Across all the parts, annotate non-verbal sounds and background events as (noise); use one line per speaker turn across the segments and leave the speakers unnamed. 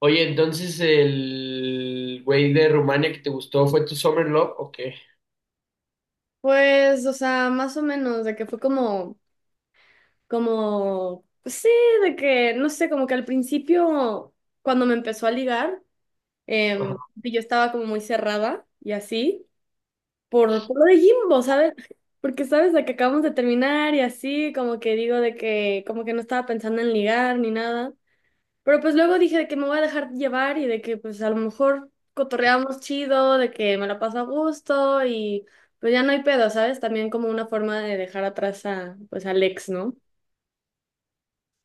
Oye, entonces el güey de Rumania que te gustó fue tu Summer Love, ¿o qué?
Pues, o sea, más o menos, de que fue como, pues sí, de que, no sé, como que al principio, cuando me empezó a ligar,
Ajá.
y yo estaba como muy cerrada y así, por lo de Jimbo, ¿sabes? (laughs) Porque, ¿sabes? De que acabamos de terminar y así, como que digo de que, como que no estaba pensando en ligar ni nada. Pero pues luego dije de que me voy a dejar llevar y de que pues a lo mejor cotorreamos chido, de que me la paso a gusto y pues ya no hay pedo, ¿sabes? También como una forma de dejar atrás a pues al ex, ¿no?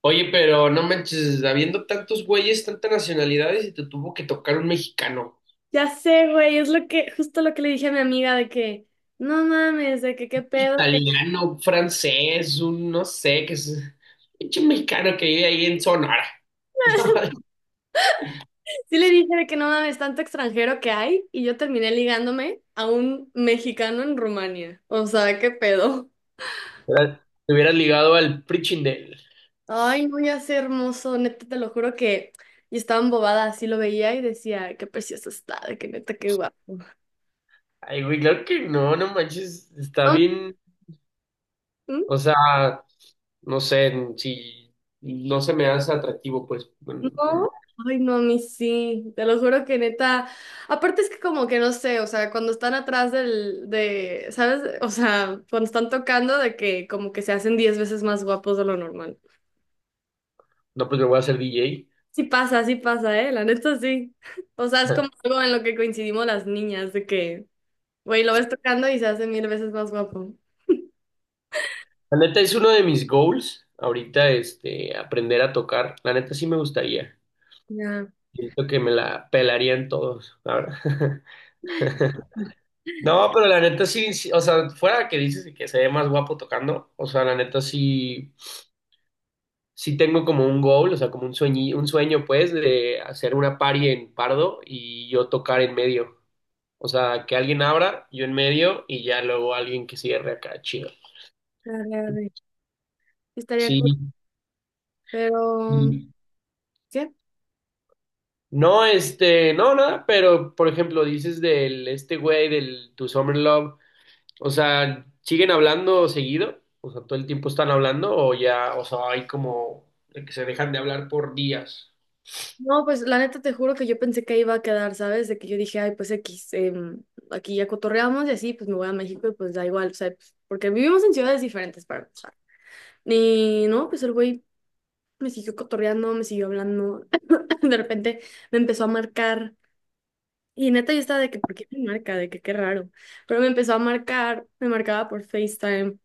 Oye, pero no manches, habiendo tantos güeyes, tantas nacionalidades, y te tuvo que tocar un mexicano,
Ya sé, güey, justo lo que le dije a mi amiga de que no mames, de que qué pedo, que.
italiano, un francés, un no sé, que es pinche mexicano que vive ahí en Sonora.
(laughs) Sí le dije de que no mames, tanto extranjero que hay y yo terminé ligándome a un mexicano en Rumania. O sea, qué pedo.
¿Verdad? Te hubieras ligado al Prichindel.
Ay, no, ya sé, hermoso, neta, te lo juro que yo estaba embobada, así lo veía y decía, qué precioso está, de que neta, qué guapo.
Ay, güey, claro que no, no manches, está
No.
bien,
¿Mm?
o sea, no sé, si no se me hace atractivo, pues,
No,
bueno, no,
ay, no, a mí sí, te lo juro que neta, aparte es que como que no sé, o sea, cuando están atrás ¿sabes? O sea, cuando están tocando de que como que se hacen diez veces más guapos de lo normal.
no, pues me voy a hacer DJ.
Sí pasa, ¿eh? La neta sí. O sea, es como algo en lo que coincidimos las niñas, de que, güey, lo ves tocando y se hace mil veces más guapo.
La neta es uno de mis goals ahorita, este, aprender a tocar. La neta sí me gustaría.
Ya.
Siento que me la pelarían todos, la verdad. (laughs) No, pero la neta sí, sí, o sea, fuera que dices que se ve más guapo tocando, o sea, la neta sí, sí tengo como un goal, o sea, como un sueño pues de hacer una party en Pardo y yo tocar en medio. O sea, que alguien abra, yo en medio y ya luego alguien que cierre acá, chido.
Dale, dale. Estaría
Sí.
cool. Pero, ¿qué?
No, este, no, nada, pero por ejemplo, dices del este güey, del Tu Summer Love, o sea, ¿siguen hablando seguido? O sea, ¿todo el tiempo están hablando o ya, o sea, hay como de que se dejan de hablar por días?
No, pues la neta te juro que yo pensé que ahí iba a quedar, ¿sabes? De que yo dije, ay, pues X, aquí ya cotorreamos y así, pues me voy a México y pues da igual, o sea, pues, porque vivimos en ciudades diferentes para empezar. Y no, pues el güey me siguió cotorreando, me siguió hablando. (laughs) De repente me empezó a marcar. Y neta yo estaba de que, ¿por qué me marca? De que qué raro. Pero me empezó a marcar, me marcaba por FaceTime.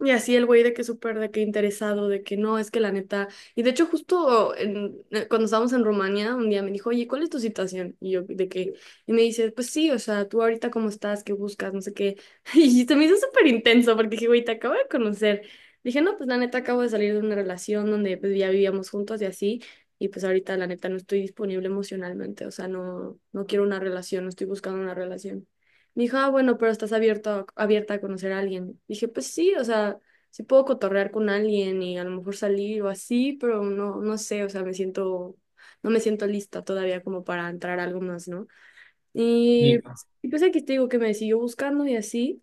Y así el güey de que súper, de que interesado, de que no, es que la neta. Y de hecho, justo cuando estábamos en Rumania, un día me dijo, oye, ¿cuál es tu situación? Y yo, de que, y me dice, pues sí, o sea, tú ahorita cómo estás, qué buscas, no sé qué. (laughs) Y se me hizo súper intenso porque dije, güey, te acabo de conocer. Dije, no, pues la neta acabo de salir de una relación donde pues ya vivíamos juntos y así. Y pues ahorita la neta no estoy disponible emocionalmente, o sea, no, no quiero una relación, no estoy buscando una relación. Me dijo, ah, bueno, pero estás abierto, abierta a conocer a alguien. Dije, pues sí, o sea, sí puedo cotorrear con alguien y a lo mejor salir o así, pero no, no sé, o sea, no me siento lista todavía como para entrar a algo más, ¿no? Y,
Sí.
pues aquí te digo que me siguió buscando y así.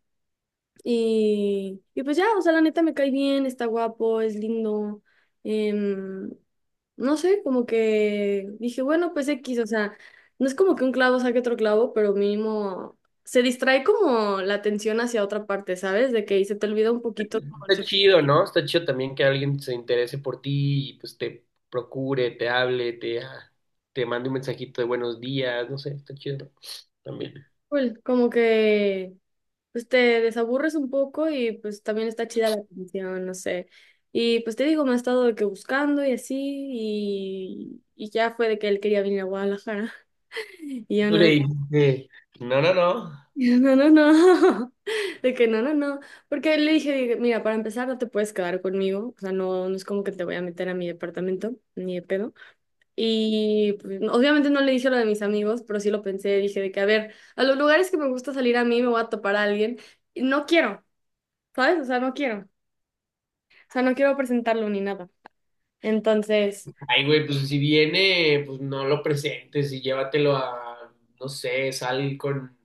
Y pues ya, o sea, la neta me cae bien, está guapo, es lindo. em, no sé, como que dije, bueno, pues X, o sea, no es como que un clavo saque otro clavo, pero mínimo se distrae como la atención hacia otra parte, ¿sabes? De que ahí se te olvida un poquito como el
Está
sufrimiento,
chido, ¿no? Está chido también que alguien se interese por ti y pues te procure, te hable, te, te mande un mensajito de buenos días, no sé, está chido, ¿no? También.
cool, como que pues te desaburres un poco y pues también está chida la atención, no sé. Y pues te digo, me ha estado de que buscando y así, y, ya fue de que él quería venir a Guadalajara. Y yo
Tú le
no,
dices, no, no, no.
(laughs) no, no, no, (laughs) de que no, no, no, porque le dije, dije, mira, para empezar no te puedes quedar conmigo, o sea, no, no es como que te voy a meter a mi departamento, ni de pedo. Y pues, no, obviamente no le dije lo de mis amigos, pero sí lo pensé, dije de que, a ver, a los lugares que me gusta salir a mí me voy a topar a alguien, y no quiero, ¿sabes? O sea, no quiero, o sea, no quiero presentarlo ni nada. Entonces,
Ay, güey, pues si viene, pues no lo presentes y llévatelo a, no sé, sal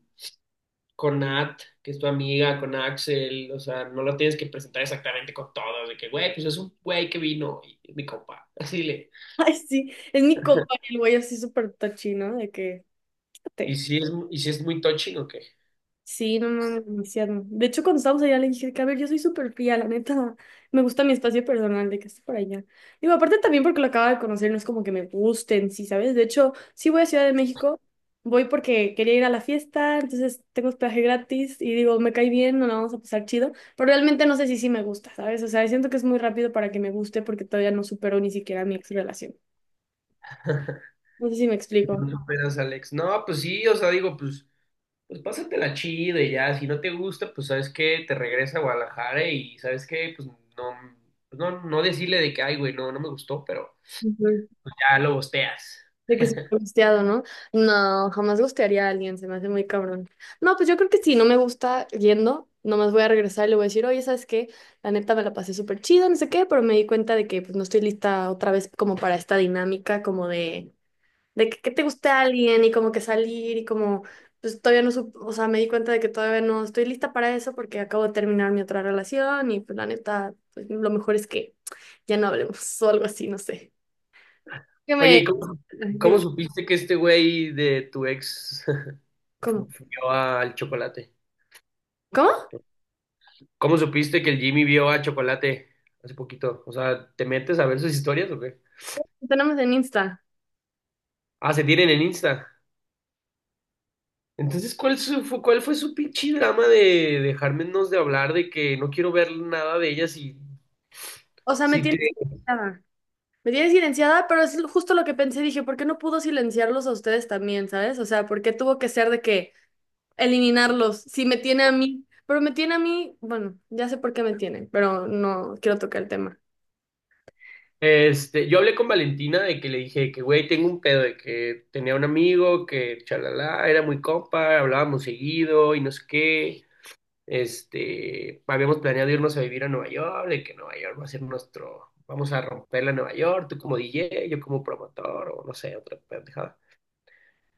con Nat, que es tu amiga, con Axel, o sea, no lo tienes que presentar exactamente con todos, de que, güey, pues es un güey que vino y es mi compa, (laughs) así le.
(laughs) ay, sí, es mi compa, y el güey así súper touchy, ¿no? De que, te.
Y si es muy touching, ok.
Sí, no, no, no, demasiado. De hecho, cuando estábamos allá le dije que, a ver, yo soy súper fría, la neta, (laughs) me gusta mi espacio personal de que esté por allá. Digo, aparte también porque lo acabo de conocer, no es como que me gusten, sí, ¿sabes? De hecho, sí voy a Ciudad de México, voy porque quería ir a la fiesta, entonces tengo hospedaje gratis y digo, me cae bien, no la vamos a pasar chido, pero realmente no sé si sí me gusta, ¿sabes? O sea, siento que es muy rápido para que me guste porque todavía no supero ni siquiera mi ex relación.
(laughs)
No sé si me explico.
No superas, Alex. No, pues sí, o sea, digo, pues, pues pásatela chido y ya, si no te gusta, pues sabes que te regresa a Guadalajara y sabes que, pues, no, no decirle de que, ay, güey, no, no me gustó, pero pues, ya lo bosteas.
De que súper gusteado, ¿no? No, jamás gustearía a alguien, se me hace muy cabrón. No, pues yo creo que si no me gusta yendo, nomás voy a regresar y le voy a decir, oye, ¿sabes qué? La neta me la pasé súper chido, no sé qué, pero me di cuenta de que pues no estoy lista otra vez como para esta dinámica, como de que te guste a alguien y como que salir y como, pues todavía no, o sea, me di cuenta de que todavía no estoy lista para eso porque acabo de terminar mi otra relación y pues la neta, pues lo mejor es que ya no hablemos (laughs) o algo así, no sé. Que
Oye, ¿y
me...
cómo, cómo
Dime,
supiste que este güey de tu ex (laughs)
¿cómo?
vio al Chocolate?
¿Cómo?
¿Cómo supiste que el Jimmy vio a Chocolate hace poquito? O sea, ¿te metes a ver sus historias o qué?
Tenemos en Insta.
Ah, se tienen en Insta. Entonces, ¿cuál, su- fue, cuál fue su pinche drama de dejarnos de hablar, de que no quiero ver nada de ellas y
O sea, me
si te...
tienes silenciada. Me tienes silenciada, pero es justo lo que pensé. Dije, ¿por qué no pudo silenciarlos a ustedes también, sabes? O sea, ¿por qué tuvo que ser de que eliminarlos si me tiene a mí? Pero me tiene a mí, bueno, ya sé por qué me tiene, pero no quiero tocar el tema.
Este, yo hablé con Valentina de que le dije que, güey, tengo un pedo, de que tenía un amigo que, chalala, era muy compa, hablábamos seguido y no sé qué. Este, habíamos planeado irnos a vivir a Nueva York, de que Nueva York va a ser nuestro, vamos a romperla a Nueva York, tú como DJ, yo como promotor, o no sé, otra pendejada.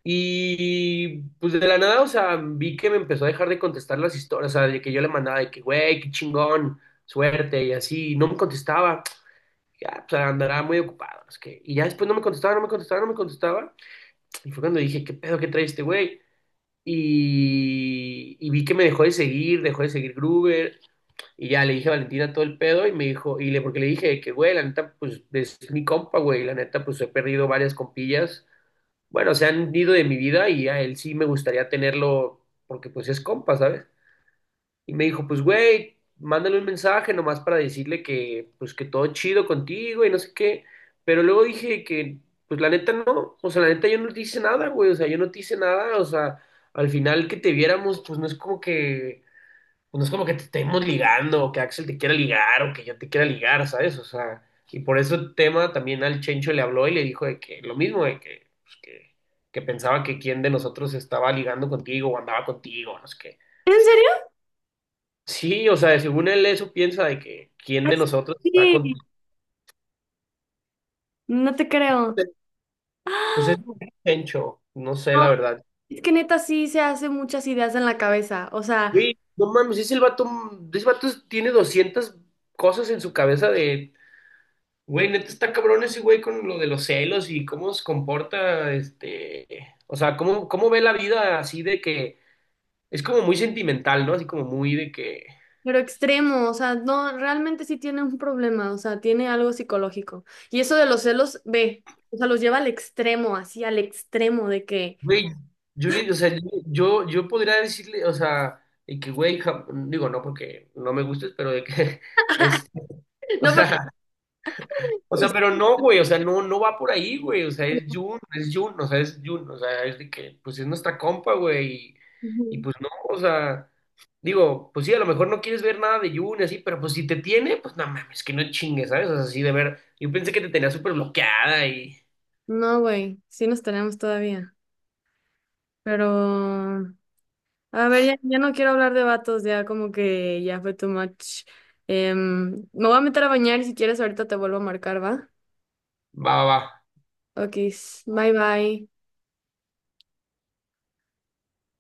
Y pues de la nada, o sea, vi que me empezó a dejar de contestar las historias, o sea, de que yo le mandaba de que, güey, qué chingón, suerte, y así, y no me contestaba. Ya, pues andaba muy ocupado, es que, y ya después no me contestaba, no me contestaba, no me contestaba. Y fue cuando dije, ¿qué pedo que trae este güey? Y vi que me dejó de seguir Gruber, y ya le dije a Valentina todo el pedo, y me dijo, y le, porque le dije que, güey, la neta, pues es mi compa, güey, la neta, pues he perdido varias compillas, bueno, se han ido de mi vida y a él sí me gustaría tenerlo porque pues es compa, ¿sabes? Y me dijo, pues güey, mándale un mensaje nomás para decirle que pues que todo chido contigo y no sé qué. Pero luego dije que pues la neta no, o sea, la neta yo no te hice nada, güey, o sea, yo no te hice nada, o sea, al final que te viéramos pues no es como que pues, no es como que te estemos ligando, o que Axel te quiera ligar, o que yo te quiera ligar, ¿sabes? O sea, y por ese tema también al Chencho le habló y le dijo de que lo mismo, de que, pues, que pensaba que quién de nosotros estaba ligando contigo o andaba contigo, no sé qué.
¿En serio?
Sí, o sea, según él eso piensa de que quién
Ah,
de nosotros está
sí,
contigo.
no te creo. (gasps)
Pues es un Chencho, no sé
Ah, no,
la verdad.
es que neta sí se hace muchas ideas en la cabeza. O sea,
Güey, no mames, ese el vato, ese vato tiene 200 cosas en su cabeza de. Güey, neta está cabrón ese güey con lo de los celos y cómo se comporta, este, o sea, cómo, cómo ve la vida así de que es como muy sentimental, ¿no? Así como muy de que,
pero extremo, o sea, no, realmente sí tiene un problema, o sea, tiene algo psicológico. Y eso de los celos, ve, o sea, los lleva al extremo, así al extremo de que...
güey, yo, o sea, yo podría decirle, o sea, de que, güey, digo, no porque no me gustes, pero de que (laughs) es, o
No, porque...
sea, o sea, pero no, güey, o sea, no, no va por ahí, güey, o sea, es Jun, o sea, es Jun, o sea, es de que, pues es nuestra compa, güey, y
Ujú.
pues no, o sea. Digo, pues sí, a lo mejor no quieres ver nada de Jun y así, pero pues si te tiene, pues no mames, que no chingues, ¿sabes? O sea, así de ver. Yo pensé que te tenía súper bloqueada y
No, güey, sí nos tenemos todavía. Pero, a ver, ya, ya no quiero hablar de vatos, ya como que ya fue too much. Me voy a meter a bañar y si quieres ahorita te vuelvo a marcar, ¿va?
va, va, va.
Ok, bye bye.